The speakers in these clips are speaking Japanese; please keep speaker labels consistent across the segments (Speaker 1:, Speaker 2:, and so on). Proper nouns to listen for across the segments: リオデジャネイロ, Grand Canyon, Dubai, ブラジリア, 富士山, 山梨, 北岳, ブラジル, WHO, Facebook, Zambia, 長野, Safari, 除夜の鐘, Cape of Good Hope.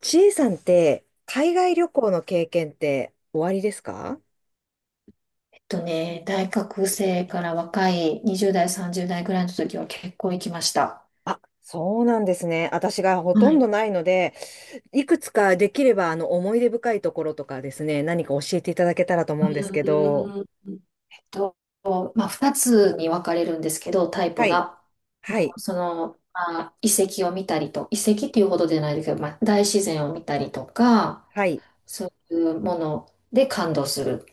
Speaker 1: ちえさんって、海外旅行の経験っておありですか？
Speaker 2: とね、大学生から若い20代、30代ぐらいの時は結構行きました。
Speaker 1: あ、そうなんですね。私がほ
Speaker 2: は
Speaker 1: とんど
Speaker 2: い。
Speaker 1: ないので、いくつかできれば、思い出深いところとかですね、何か教えていただけたらと思うんですけど。
Speaker 2: うーんと、まあ、2つに分かれるんですけど、タイ
Speaker 1: は
Speaker 2: プ
Speaker 1: い、
Speaker 2: が。
Speaker 1: はい、
Speaker 2: その、まあ、遺跡を見たりと、遺跡っていうほどじゃないですけど、まあ、大自然を見たりとか、
Speaker 1: はい、
Speaker 2: そういうもので感動する。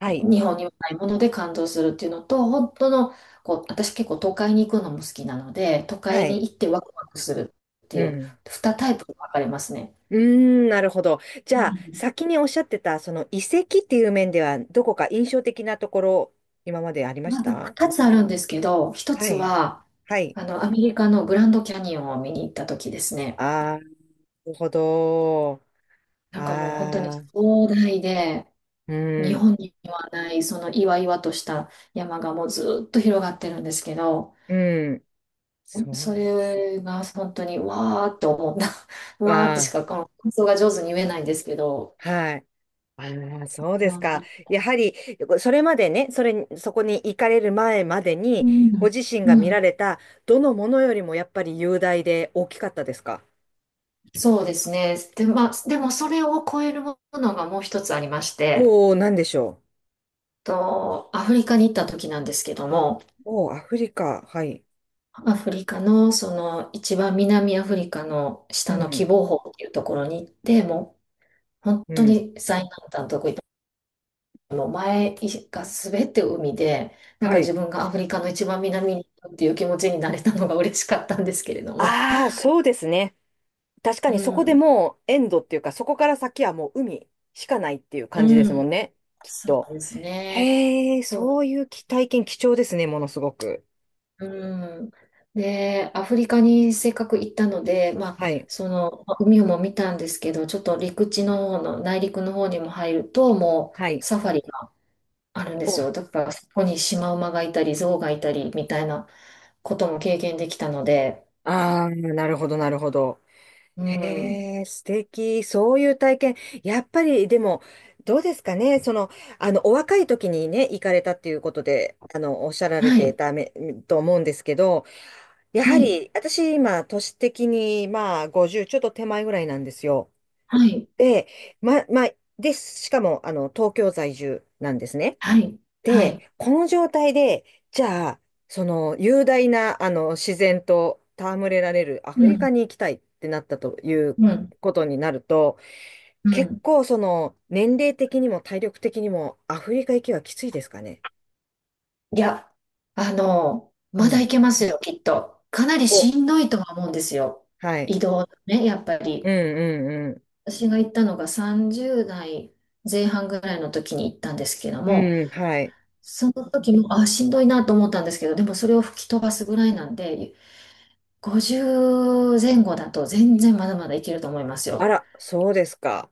Speaker 1: はい、
Speaker 2: 日本にはないもので感動するっていうのと、本当の、こう、私結構都会に行くのも好きなので、都
Speaker 1: は
Speaker 2: 会に
Speaker 1: い。
Speaker 2: 行ってワクワクするって
Speaker 1: う
Speaker 2: いう、2
Speaker 1: ん。
Speaker 2: タイプに分かれますね。
Speaker 1: うーん、なるほど。じゃあ、先におっしゃってた、その遺跡っていう面では、どこか印象的なところ、今までありまし
Speaker 2: まあ、
Speaker 1: た？
Speaker 2: 二つあるんですけど、一
Speaker 1: は
Speaker 2: つ
Speaker 1: い。
Speaker 2: は、
Speaker 1: はい。
Speaker 2: あの、アメリカのグランドキャニオンを見に行った時ですね。
Speaker 1: ああ、なるほど。
Speaker 2: なんかもう本当に
Speaker 1: ああ、
Speaker 2: 壮大で、
Speaker 1: う
Speaker 2: 日
Speaker 1: ん、
Speaker 2: 本にはない、その岩々とした山がもうずっと広がってるんですけど、
Speaker 1: うん、
Speaker 2: そ
Speaker 1: そ
Speaker 2: れが本当にわーって思った。
Speaker 1: う、
Speaker 2: わーってし
Speaker 1: あ
Speaker 2: かこの感想が上手に言えないんですけど、
Speaker 1: あ、はい。ああ、そう
Speaker 2: い
Speaker 1: です
Speaker 2: や、
Speaker 1: か。やはり、それまでね、それに、そこに行かれる前まで
Speaker 2: う
Speaker 1: に、ご
Speaker 2: ん。
Speaker 1: 自身が
Speaker 2: う
Speaker 1: 見
Speaker 2: ん、
Speaker 1: られた、どのものよりもやっぱり雄大で大きかったですか？
Speaker 2: そうですね。で、まあ、でもそれを超えるものがもう一つありまして、
Speaker 1: おおー、なんでしょ
Speaker 2: アフリカに行った時なんですけども、
Speaker 1: う。おお、アフリカ。はい。
Speaker 2: アフリカのその一番南アフリカの
Speaker 1: う
Speaker 2: 下の喜
Speaker 1: ん、
Speaker 2: 望峰っていうところに行って、もう本
Speaker 1: う
Speaker 2: 当
Speaker 1: ん、
Speaker 2: に最南端のとこ行って、もう前が全て海で、なん
Speaker 1: は
Speaker 2: か
Speaker 1: い。
Speaker 2: 自分がアフリカの一番南に行ったっていう気持ちになれたのが嬉しかったんですけれども。
Speaker 1: ああ、そうですね。確か
Speaker 2: う
Speaker 1: にそこで
Speaker 2: ん、
Speaker 1: もうエンドっていうか、そこから先はもう海しかないっていう
Speaker 2: う
Speaker 1: 感じですもん
Speaker 2: ん、
Speaker 1: ね。きっ
Speaker 2: そう
Speaker 1: と。
Speaker 2: ですね。
Speaker 1: へえ、
Speaker 2: そう、
Speaker 1: そういう体験貴重ですね、ものすごく。
Speaker 2: うん。で、アフリカにせっかく行ったので、まあ、
Speaker 1: はい。
Speaker 2: その、まあ海も見たんですけど、ちょっと陸地の方の、内陸の方にも入ると、も
Speaker 1: は
Speaker 2: う
Speaker 1: い。
Speaker 2: サファリがあるんです
Speaker 1: お、
Speaker 2: よ。だから、そこにシマウマがいたり、ゾウがいたり、みたいなことも経験できたので、
Speaker 1: ああ、なるほど、なるほど。
Speaker 2: うん。
Speaker 1: へえ、素敵。そういう体験。やっぱり、でも、どうですかね。その、お若い時にね、行かれたっていうことで、おっしゃられ
Speaker 2: は
Speaker 1: て
Speaker 2: い、
Speaker 1: ため、と思うんですけど、やは
Speaker 2: はい、
Speaker 1: り、私、今、年的に、まあ、50ちょっと手前ぐらいなんですよ。
Speaker 2: はい、
Speaker 1: で、まあ、で、しかも、東京在住なんですね。
Speaker 2: はい、は
Speaker 1: で、
Speaker 2: い。
Speaker 1: この状態で、じゃあ、その雄大なあの自然と戯れられるアフ
Speaker 2: う
Speaker 1: リカ
Speaker 2: ん、
Speaker 1: に行きたいってなったという
Speaker 2: うん、
Speaker 1: ことになると、
Speaker 2: う
Speaker 1: 結
Speaker 2: ん。
Speaker 1: 構その年齢的にも体力的にもアフリカ行きはきついですかね。
Speaker 2: いや、あの、
Speaker 1: う
Speaker 2: まだ
Speaker 1: ん。
Speaker 2: いけますよ、きっと。かなり
Speaker 1: お、
Speaker 2: しんどいとは思うんですよ。
Speaker 1: はい。
Speaker 2: 移動ね、やっぱ
Speaker 1: う
Speaker 2: り。
Speaker 1: んうん
Speaker 2: 私が行ったのが30代前半ぐらいの時に行ったんですけど
Speaker 1: う
Speaker 2: も、
Speaker 1: ん。うん、はい。
Speaker 2: その時も、あ、しんどいなと思ったんですけど、でもそれを吹き飛ばすぐらいなんで、50前後だと全然まだまだいけると思います
Speaker 1: あ
Speaker 2: よ。
Speaker 1: ら、そうですか。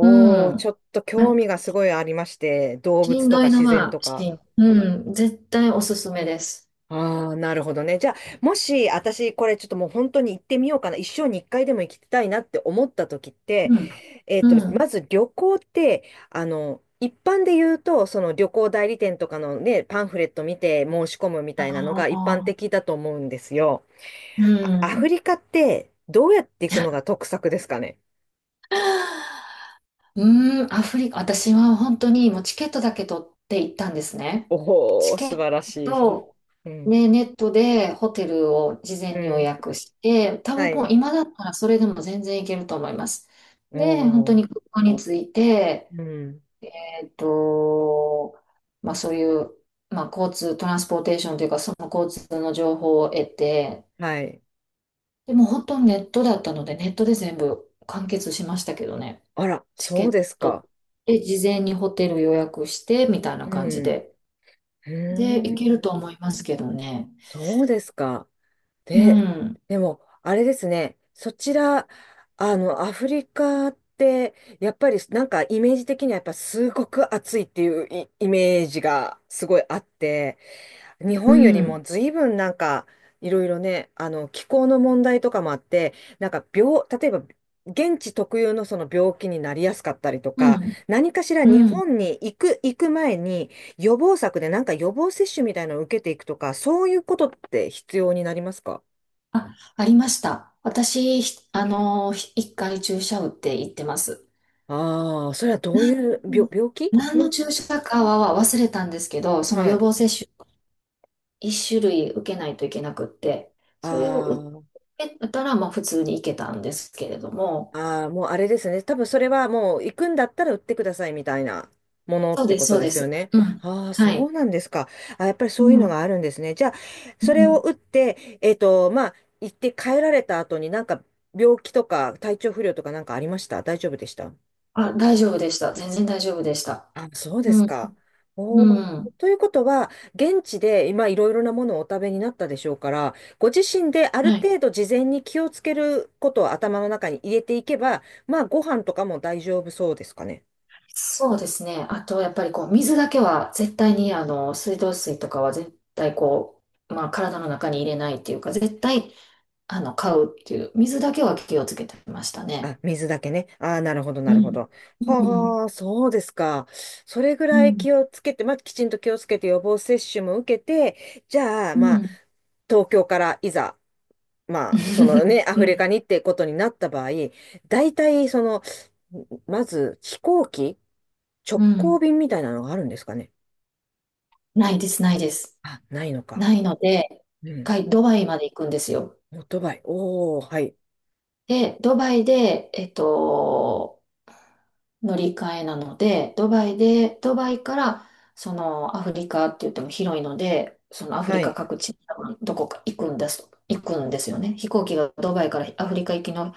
Speaker 2: う
Speaker 1: ー、
Speaker 2: ん。
Speaker 1: ちょっと興味がすごいありまして、動
Speaker 2: し
Speaker 1: 物
Speaker 2: ん
Speaker 1: と
Speaker 2: ど
Speaker 1: か
Speaker 2: いの
Speaker 1: 自然
Speaker 2: は、
Speaker 1: とか。
Speaker 2: うん、絶対おすすめです。
Speaker 1: ああ、なるほどね。じゃあ、もし、私、これちょっともう本当に行ってみようかな。一生に一回でも行きたいなって思った時って、
Speaker 2: うん。う
Speaker 1: ま
Speaker 2: ん。
Speaker 1: ず旅行って、一般で言うと、その旅行代理店とかのね、パンフレット見て申し込むみ
Speaker 2: あ
Speaker 1: たいなのが一般
Speaker 2: あ。
Speaker 1: 的だと思うんですよ。
Speaker 2: う
Speaker 1: あアフ
Speaker 2: ん。
Speaker 1: リカって、どうやって行くのが得策ですかね。
Speaker 2: アフリカ、私は本当にもうチケットだけ取って行ったんですね。
Speaker 1: おお
Speaker 2: チ
Speaker 1: ー、
Speaker 2: ケ
Speaker 1: 素
Speaker 2: ッ
Speaker 1: 晴らしい。
Speaker 2: ト、
Speaker 1: うん。
Speaker 2: ね、ネットでホテルを事
Speaker 1: う
Speaker 2: 前に予
Speaker 1: ん。
Speaker 2: 約して、多
Speaker 1: は
Speaker 2: 分もう
Speaker 1: い。
Speaker 2: 今だったらそれでも全然行けると思います。で、本当
Speaker 1: お
Speaker 2: に
Speaker 1: ー。
Speaker 2: 空港に着いて、
Speaker 1: うん。
Speaker 2: えっと、まあそういう、まあ交通、トランスポーテーションというか、その交通の情報を得て、
Speaker 1: はい。
Speaker 2: でも本当にネットだったので、ネットで全部完結しましたけどね。
Speaker 1: あら、
Speaker 2: チケ
Speaker 1: そう
Speaker 2: ッ
Speaker 1: です
Speaker 2: ト
Speaker 1: か。
Speaker 2: で事前にホテル予約してみたいな
Speaker 1: う
Speaker 2: 感じ
Speaker 1: ん。う
Speaker 2: で。で、行
Speaker 1: ー
Speaker 2: け
Speaker 1: ん、
Speaker 2: ると思いますけどね。
Speaker 1: そうですか。
Speaker 2: う
Speaker 1: で、
Speaker 2: ん、
Speaker 1: でも、あれですね、そちら、アフリカって、やっぱりなんかイメージ的にはやっぱすごく暑いっていうイメージがすごいあって、日
Speaker 2: う
Speaker 1: 本より
Speaker 2: ん、
Speaker 1: も随分なんかいろいろね、あの気候の問題とかもあって、なんか例えば現地特有のその病気になりやすかったりと
Speaker 2: う
Speaker 1: か、
Speaker 2: ん、
Speaker 1: 何かしら日
Speaker 2: うん。
Speaker 1: 本に行く前に予防策でなんか予防接種みたいなのを受けていくとか、そういうことって必要になりますか？
Speaker 2: あ、ありました。私、ひあの、ひ一回注射打って行ってます。
Speaker 1: ああー、それはどう
Speaker 2: な
Speaker 1: いう病、
Speaker 2: ん
Speaker 1: 病気
Speaker 2: 何の
Speaker 1: の？
Speaker 2: 注射かは忘れたんですけど、その
Speaker 1: は
Speaker 2: 予
Speaker 1: い。
Speaker 2: 防接種一種類受けないといけなくって、
Speaker 1: あ
Speaker 2: それを受
Speaker 1: あ。
Speaker 2: けたら、まあ普通に行けたんですけれども、
Speaker 1: ああ、もうあれですね。多分それはもう行くんだったら売ってくださいみたいなものっ
Speaker 2: そう
Speaker 1: て
Speaker 2: で
Speaker 1: こ
Speaker 2: す、
Speaker 1: と
Speaker 2: そう
Speaker 1: で
Speaker 2: で
Speaker 1: すよ
Speaker 2: す。
Speaker 1: ね。
Speaker 2: うん。
Speaker 1: ああ、そ
Speaker 2: はい。
Speaker 1: うなんですか。あ、やっぱり
Speaker 2: う
Speaker 1: そういうの
Speaker 2: ん。
Speaker 1: があるんですね。じゃあ、
Speaker 2: う
Speaker 1: それを
Speaker 2: ん。
Speaker 1: 打って、まあ、行って帰られた後になんか病気とか体調不良とかなんかありました？大丈夫でした？
Speaker 2: あ、大丈夫でした。全然大丈夫でした。
Speaker 1: あ、そうで
Speaker 2: う
Speaker 1: す
Speaker 2: ん、
Speaker 1: か。
Speaker 2: う
Speaker 1: おー、
Speaker 2: ん。
Speaker 1: ということは、現地で今いろいろなものをお食べになったでしょうから、ご自身である
Speaker 2: はい。
Speaker 1: 程度事前に気をつけることを頭の中に入れていけば、まあご飯とかも大丈夫そうですかね。
Speaker 2: そうですね。あと、やっぱりこう、水だけは絶対に、あの、水道水とかは絶対こう、まあ、体の中に入れないっていうか、絶対、あの、買うっていう、水だけは気をつけてましたね。
Speaker 1: あ、水だけね。ああ、なるほど、な
Speaker 2: う
Speaker 1: るほ
Speaker 2: ん。
Speaker 1: ど。
Speaker 2: うん、
Speaker 1: はあ、そうですか。それぐ
Speaker 2: う
Speaker 1: らい
Speaker 2: ん、
Speaker 1: 気をつけて、まあきちんと気をつけて予防接種も受けて、じゃあ、
Speaker 2: うん。
Speaker 1: ま
Speaker 2: う
Speaker 1: あ、
Speaker 2: ん。
Speaker 1: 東京からいざ、まあ、そのね、アフリ カにってことになった場合、大体、その、まず飛行機、
Speaker 2: う
Speaker 1: 直行
Speaker 2: ん。
Speaker 1: 便みたいなのがあるんですかね。
Speaker 2: ないです、ないです。
Speaker 1: あ、ないのか。
Speaker 2: ないので、
Speaker 1: う
Speaker 2: 一
Speaker 1: ん。
Speaker 2: 回ドバイまで行くんですよ。
Speaker 1: オートバイ。おー、はい。
Speaker 2: で、ドバイで、乗り換えなので、ドバイで、ドバイから、そのアフリカって言っても広いので、そのアフ
Speaker 1: は
Speaker 2: リカ
Speaker 1: い。
Speaker 2: 各地、どこか行くんです、行くんですよね。飛行機が、ドバイからアフリカ行きの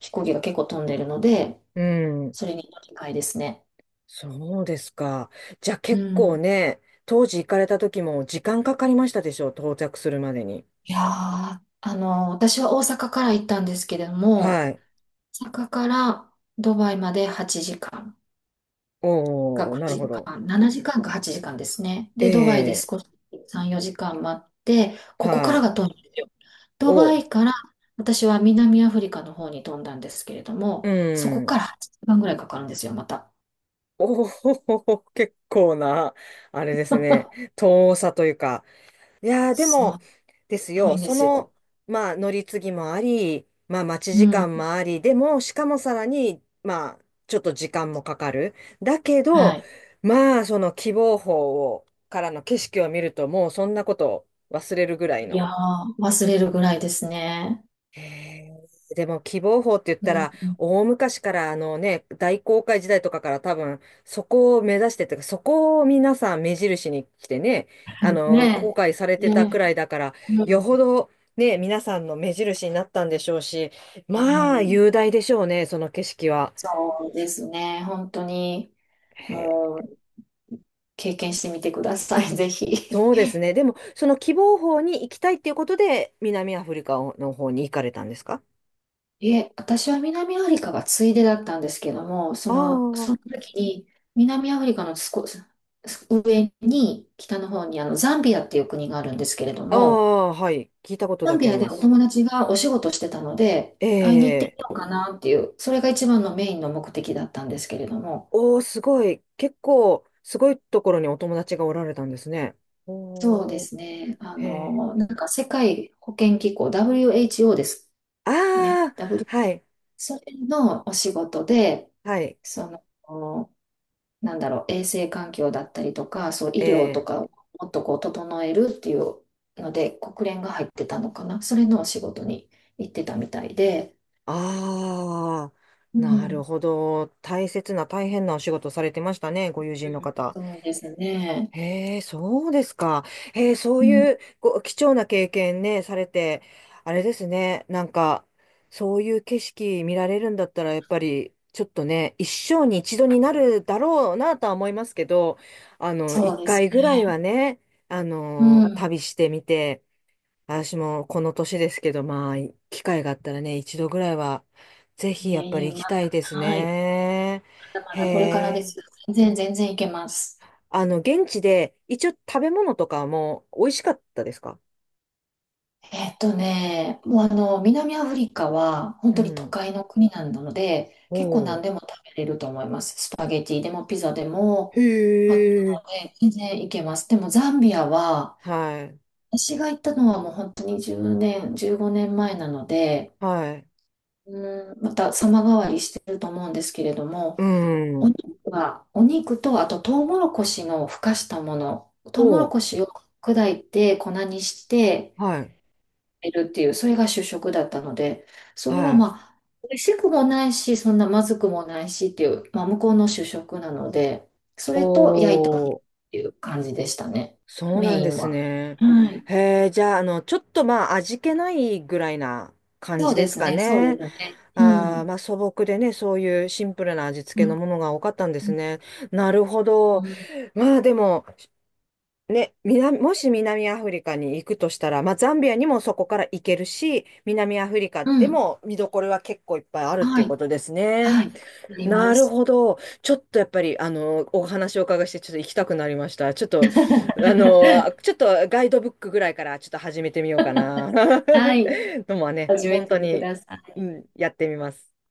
Speaker 2: 飛行機が結構飛んでるので、
Speaker 1: うん。
Speaker 2: それに乗り換えですね。
Speaker 1: そうですか。じゃあ
Speaker 2: う
Speaker 1: 結構
Speaker 2: ん。
Speaker 1: ね、当時行かれた時も時間かかりましたでしょう、到着するまでに。
Speaker 2: いやー、あの、私は大阪から行ったんですけれども、
Speaker 1: はい。
Speaker 2: 大阪からドバイまで8時間。が
Speaker 1: おー、なるほ
Speaker 2: 9
Speaker 1: ど。
Speaker 2: 時間、7時間か8時間ですね。
Speaker 1: え
Speaker 2: で、ドバイで
Speaker 1: え、
Speaker 2: 少し3、4時間待って、ここか
Speaker 1: は
Speaker 2: ら
Speaker 1: い。
Speaker 2: が飛んだんですよ。
Speaker 1: お
Speaker 2: ドバ
Speaker 1: ー、
Speaker 2: イから私は南アフリカの方に飛んだんですけれど
Speaker 1: う
Speaker 2: も、そこ
Speaker 1: ん。
Speaker 2: から8時間ぐらいかかるんですよ、また。
Speaker 1: おお、結構な、あれですね、遠さというか。いやー、で
Speaker 2: そ
Speaker 1: も、
Speaker 2: う、
Speaker 1: です
Speaker 2: 遠い
Speaker 1: よ、
Speaker 2: んで
Speaker 1: そ
Speaker 2: すよ。
Speaker 1: の、まあ、乗り継ぎもあり、まあ、待ち
Speaker 2: う
Speaker 1: 時
Speaker 2: ん。
Speaker 1: 間もあり、でも、しかもさらに、まあ、ちょっと時間もかかる。だけ
Speaker 2: は
Speaker 1: ど、
Speaker 2: い。
Speaker 1: まあ、その希望峰を、からの景色を見ると、もうそんなこと忘れるぐらい
Speaker 2: いや
Speaker 1: の。
Speaker 2: ー、忘れるぐらいですね。
Speaker 1: へえ。でも希望法って言っ
Speaker 2: う
Speaker 1: たら、
Speaker 2: ん。
Speaker 1: 大昔から、あのね、大航海時代とかから多分そこを目指してというか、そこを皆さん目印に来てね、あの航
Speaker 2: ね
Speaker 1: 海され
Speaker 2: え。
Speaker 1: てたく
Speaker 2: ね
Speaker 1: らいだから、
Speaker 2: え。う
Speaker 1: よ
Speaker 2: ん。
Speaker 1: ほどね、皆さんの目印になったんでしょうし、
Speaker 2: う
Speaker 1: まあ
Speaker 2: ん、
Speaker 1: 雄大でしょうね、その景色は。
Speaker 2: そうですね。本当に、
Speaker 1: へえ。
Speaker 2: もう、経験してみてください、ぜひ。
Speaker 1: そうですね。でも、その希望法に行きたいっていうことで南アフリカの方に行かれたんですか？
Speaker 2: いえ、私は南アフリカがついでだったんですけども、そ
Speaker 1: あ
Speaker 2: の、その
Speaker 1: あ、
Speaker 2: 時に南アフリカの少し上に北の方にあのザンビアっていう国があるんですけれど
Speaker 1: あ
Speaker 2: も、
Speaker 1: あ、はい。聞いたこと
Speaker 2: ザ
Speaker 1: だ
Speaker 2: ン
Speaker 1: け
Speaker 2: ビ
Speaker 1: あり
Speaker 2: ア
Speaker 1: ま
Speaker 2: でお
Speaker 1: す。
Speaker 2: 友達がお仕事してたので、会いに行ってみ
Speaker 1: ええ。
Speaker 2: ようかなっていう、それが一番のメインの目的だったんですけれども、
Speaker 1: おー、すごい。結構、すごいところにお友達がおられたんですね。
Speaker 2: そうで
Speaker 1: おー、
Speaker 2: すね、あ
Speaker 1: へえ。
Speaker 2: の、なんか世界保健機構 WHO です
Speaker 1: あ
Speaker 2: ね、
Speaker 1: あ、
Speaker 2: W、
Speaker 1: はい、
Speaker 2: それのお仕事で、
Speaker 1: はい。
Speaker 2: その、なんだろう、衛生環境だったりとか、そう、医
Speaker 1: え
Speaker 2: 療と
Speaker 1: え。
Speaker 2: かをもっとこう整えるっていうので、国連が入ってたのかな。それのお仕事に行ってたみたいで。
Speaker 1: あ
Speaker 2: う
Speaker 1: あ、なる
Speaker 2: ん。
Speaker 1: ほど。大切な、大変なお仕事されてましたね、ご友
Speaker 2: う
Speaker 1: 人の
Speaker 2: ん、
Speaker 1: 方。
Speaker 2: そうですね。
Speaker 1: へえ、そうですか。へえ、そ
Speaker 2: う
Speaker 1: う
Speaker 2: ん、
Speaker 1: いうご貴重な経験ね、されて、あれですね、なんか、そういう景色見られるんだったら、やっぱり、ちょっとね、一生に一度になるだろうなとは思いますけど、
Speaker 2: そ
Speaker 1: 一
Speaker 2: うです
Speaker 1: 回ぐらい
Speaker 2: ね。
Speaker 1: はね、
Speaker 2: うん。
Speaker 1: 旅してみて、私もこの年ですけど、まあ、機会があったらね、一度ぐらいは、ぜ
Speaker 2: い
Speaker 1: ひや
Speaker 2: え
Speaker 1: っぱ
Speaker 2: い
Speaker 1: り
Speaker 2: え、
Speaker 1: 行
Speaker 2: ま
Speaker 1: きた
Speaker 2: だ、
Speaker 1: いです
Speaker 2: はい。ま
Speaker 1: ね。
Speaker 2: だ
Speaker 1: へ
Speaker 2: まだこれからで
Speaker 1: え。
Speaker 2: す。全然、全然いけます。
Speaker 1: 現地で、一応食べ物とかも美味しかったですか？
Speaker 2: えっとね、もうあの、南アフリカは本
Speaker 1: う
Speaker 2: 当に都
Speaker 1: ん。
Speaker 2: 会の国なので、結構
Speaker 1: お
Speaker 2: 何でも
Speaker 1: ー。
Speaker 2: 食べれると思います。スパゲティでもピザで
Speaker 1: へ
Speaker 2: も、あったの
Speaker 1: え。
Speaker 2: で、全然行けます。でもザンビアは、
Speaker 1: はい。
Speaker 2: 私が行ったのはもう本当に10年、15年前なので、
Speaker 1: はい。
Speaker 2: うん、また様変わりしてると思うんですけれども、
Speaker 1: う
Speaker 2: お
Speaker 1: ん。
Speaker 2: 肉は、お肉と、あとトウモロコシのふかしたもの、トウモ
Speaker 1: お
Speaker 2: ロ
Speaker 1: ー。
Speaker 2: コシを砕いて粉にして、
Speaker 1: はい。
Speaker 2: いるっていう、それが主食だったので、それは
Speaker 1: はい。
Speaker 2: まあ、美味しくもないし、そんなまずくもないしっていう、まあ、向こうの主食なので、それと焼いたお肉
Speaker 1: お
Speaker 2: っ
Speaker 1: ー。
Speaker 2: ていう感じでしたね、
Speaker 1: そうな
Speaker 2: メ
Speaker 1: ん
Speaker 2: イ
Speaker 1: で
Speaker 2: ン
Speaker 1: す
Speaker 2: は。
Speaker 1: ね。
Speaker 2: はい。
Speaker 1: へえ、じゃあ、あの、ちょっとまあ、味気ないぐらいな感
Speaker 2: そ
Speaker 1: じ
Speaker 2: う
Speaker 1: で
Speaker 2: で
Speaker 1: す
Speaker 2: す
Speaker 1: か
Speaker 2: ね、そうで
Speaker 1: ね。
Speaker 2: すね。う
Speaker 1: ああ、
Speaker 2: ん。
Speaker 1: まあ、素朴でね、そういうシンプルな味付
Speaker 2: う
Speaker 1: けの
Speaker 2: ん。
Speaker 1: ものが多かったんで
Speaker 2: う
Speaker 1: す
Speaker 2: ん。
Speaker 1: ね。なるほど。
Speaker 2: うん、
Speaker 1: まあ、でも、ね、南、もし南アフリカに行くとしたら、まあ、ザンビアにもそこから行けるし、南アフリカ
Speaker 2: う
Speaker 1: で
Speaker 2: ん、
Speaker 1: も見どころは結構いっぱいあるって
Speaker 2: は
Speaker 1: いう
Speaker 2: い。
Speaker 1: ことですね。
Speaker 2: はい。ありま
Speaker 1: なる
Speaker 2: す。
Speaker 1: ほど。ちょっとやっぱり、お話をお伺いして、ちょっと行きたくなりました。ちょっと、ちょっとガイドブックぐらいからちょっと始めてみようかな。
Speaker 2: はい。
Speaker 1: のもね、
Speaker 2: 始め
Speaker 1: 本
Speaker 2: て
Speaker 1: 当
Speaker 2: く
Speaker 1: に。
Speaker 2: ださ
Speaker 1: う
Speaker 2: い。
Speaker 1: ん、やってみます。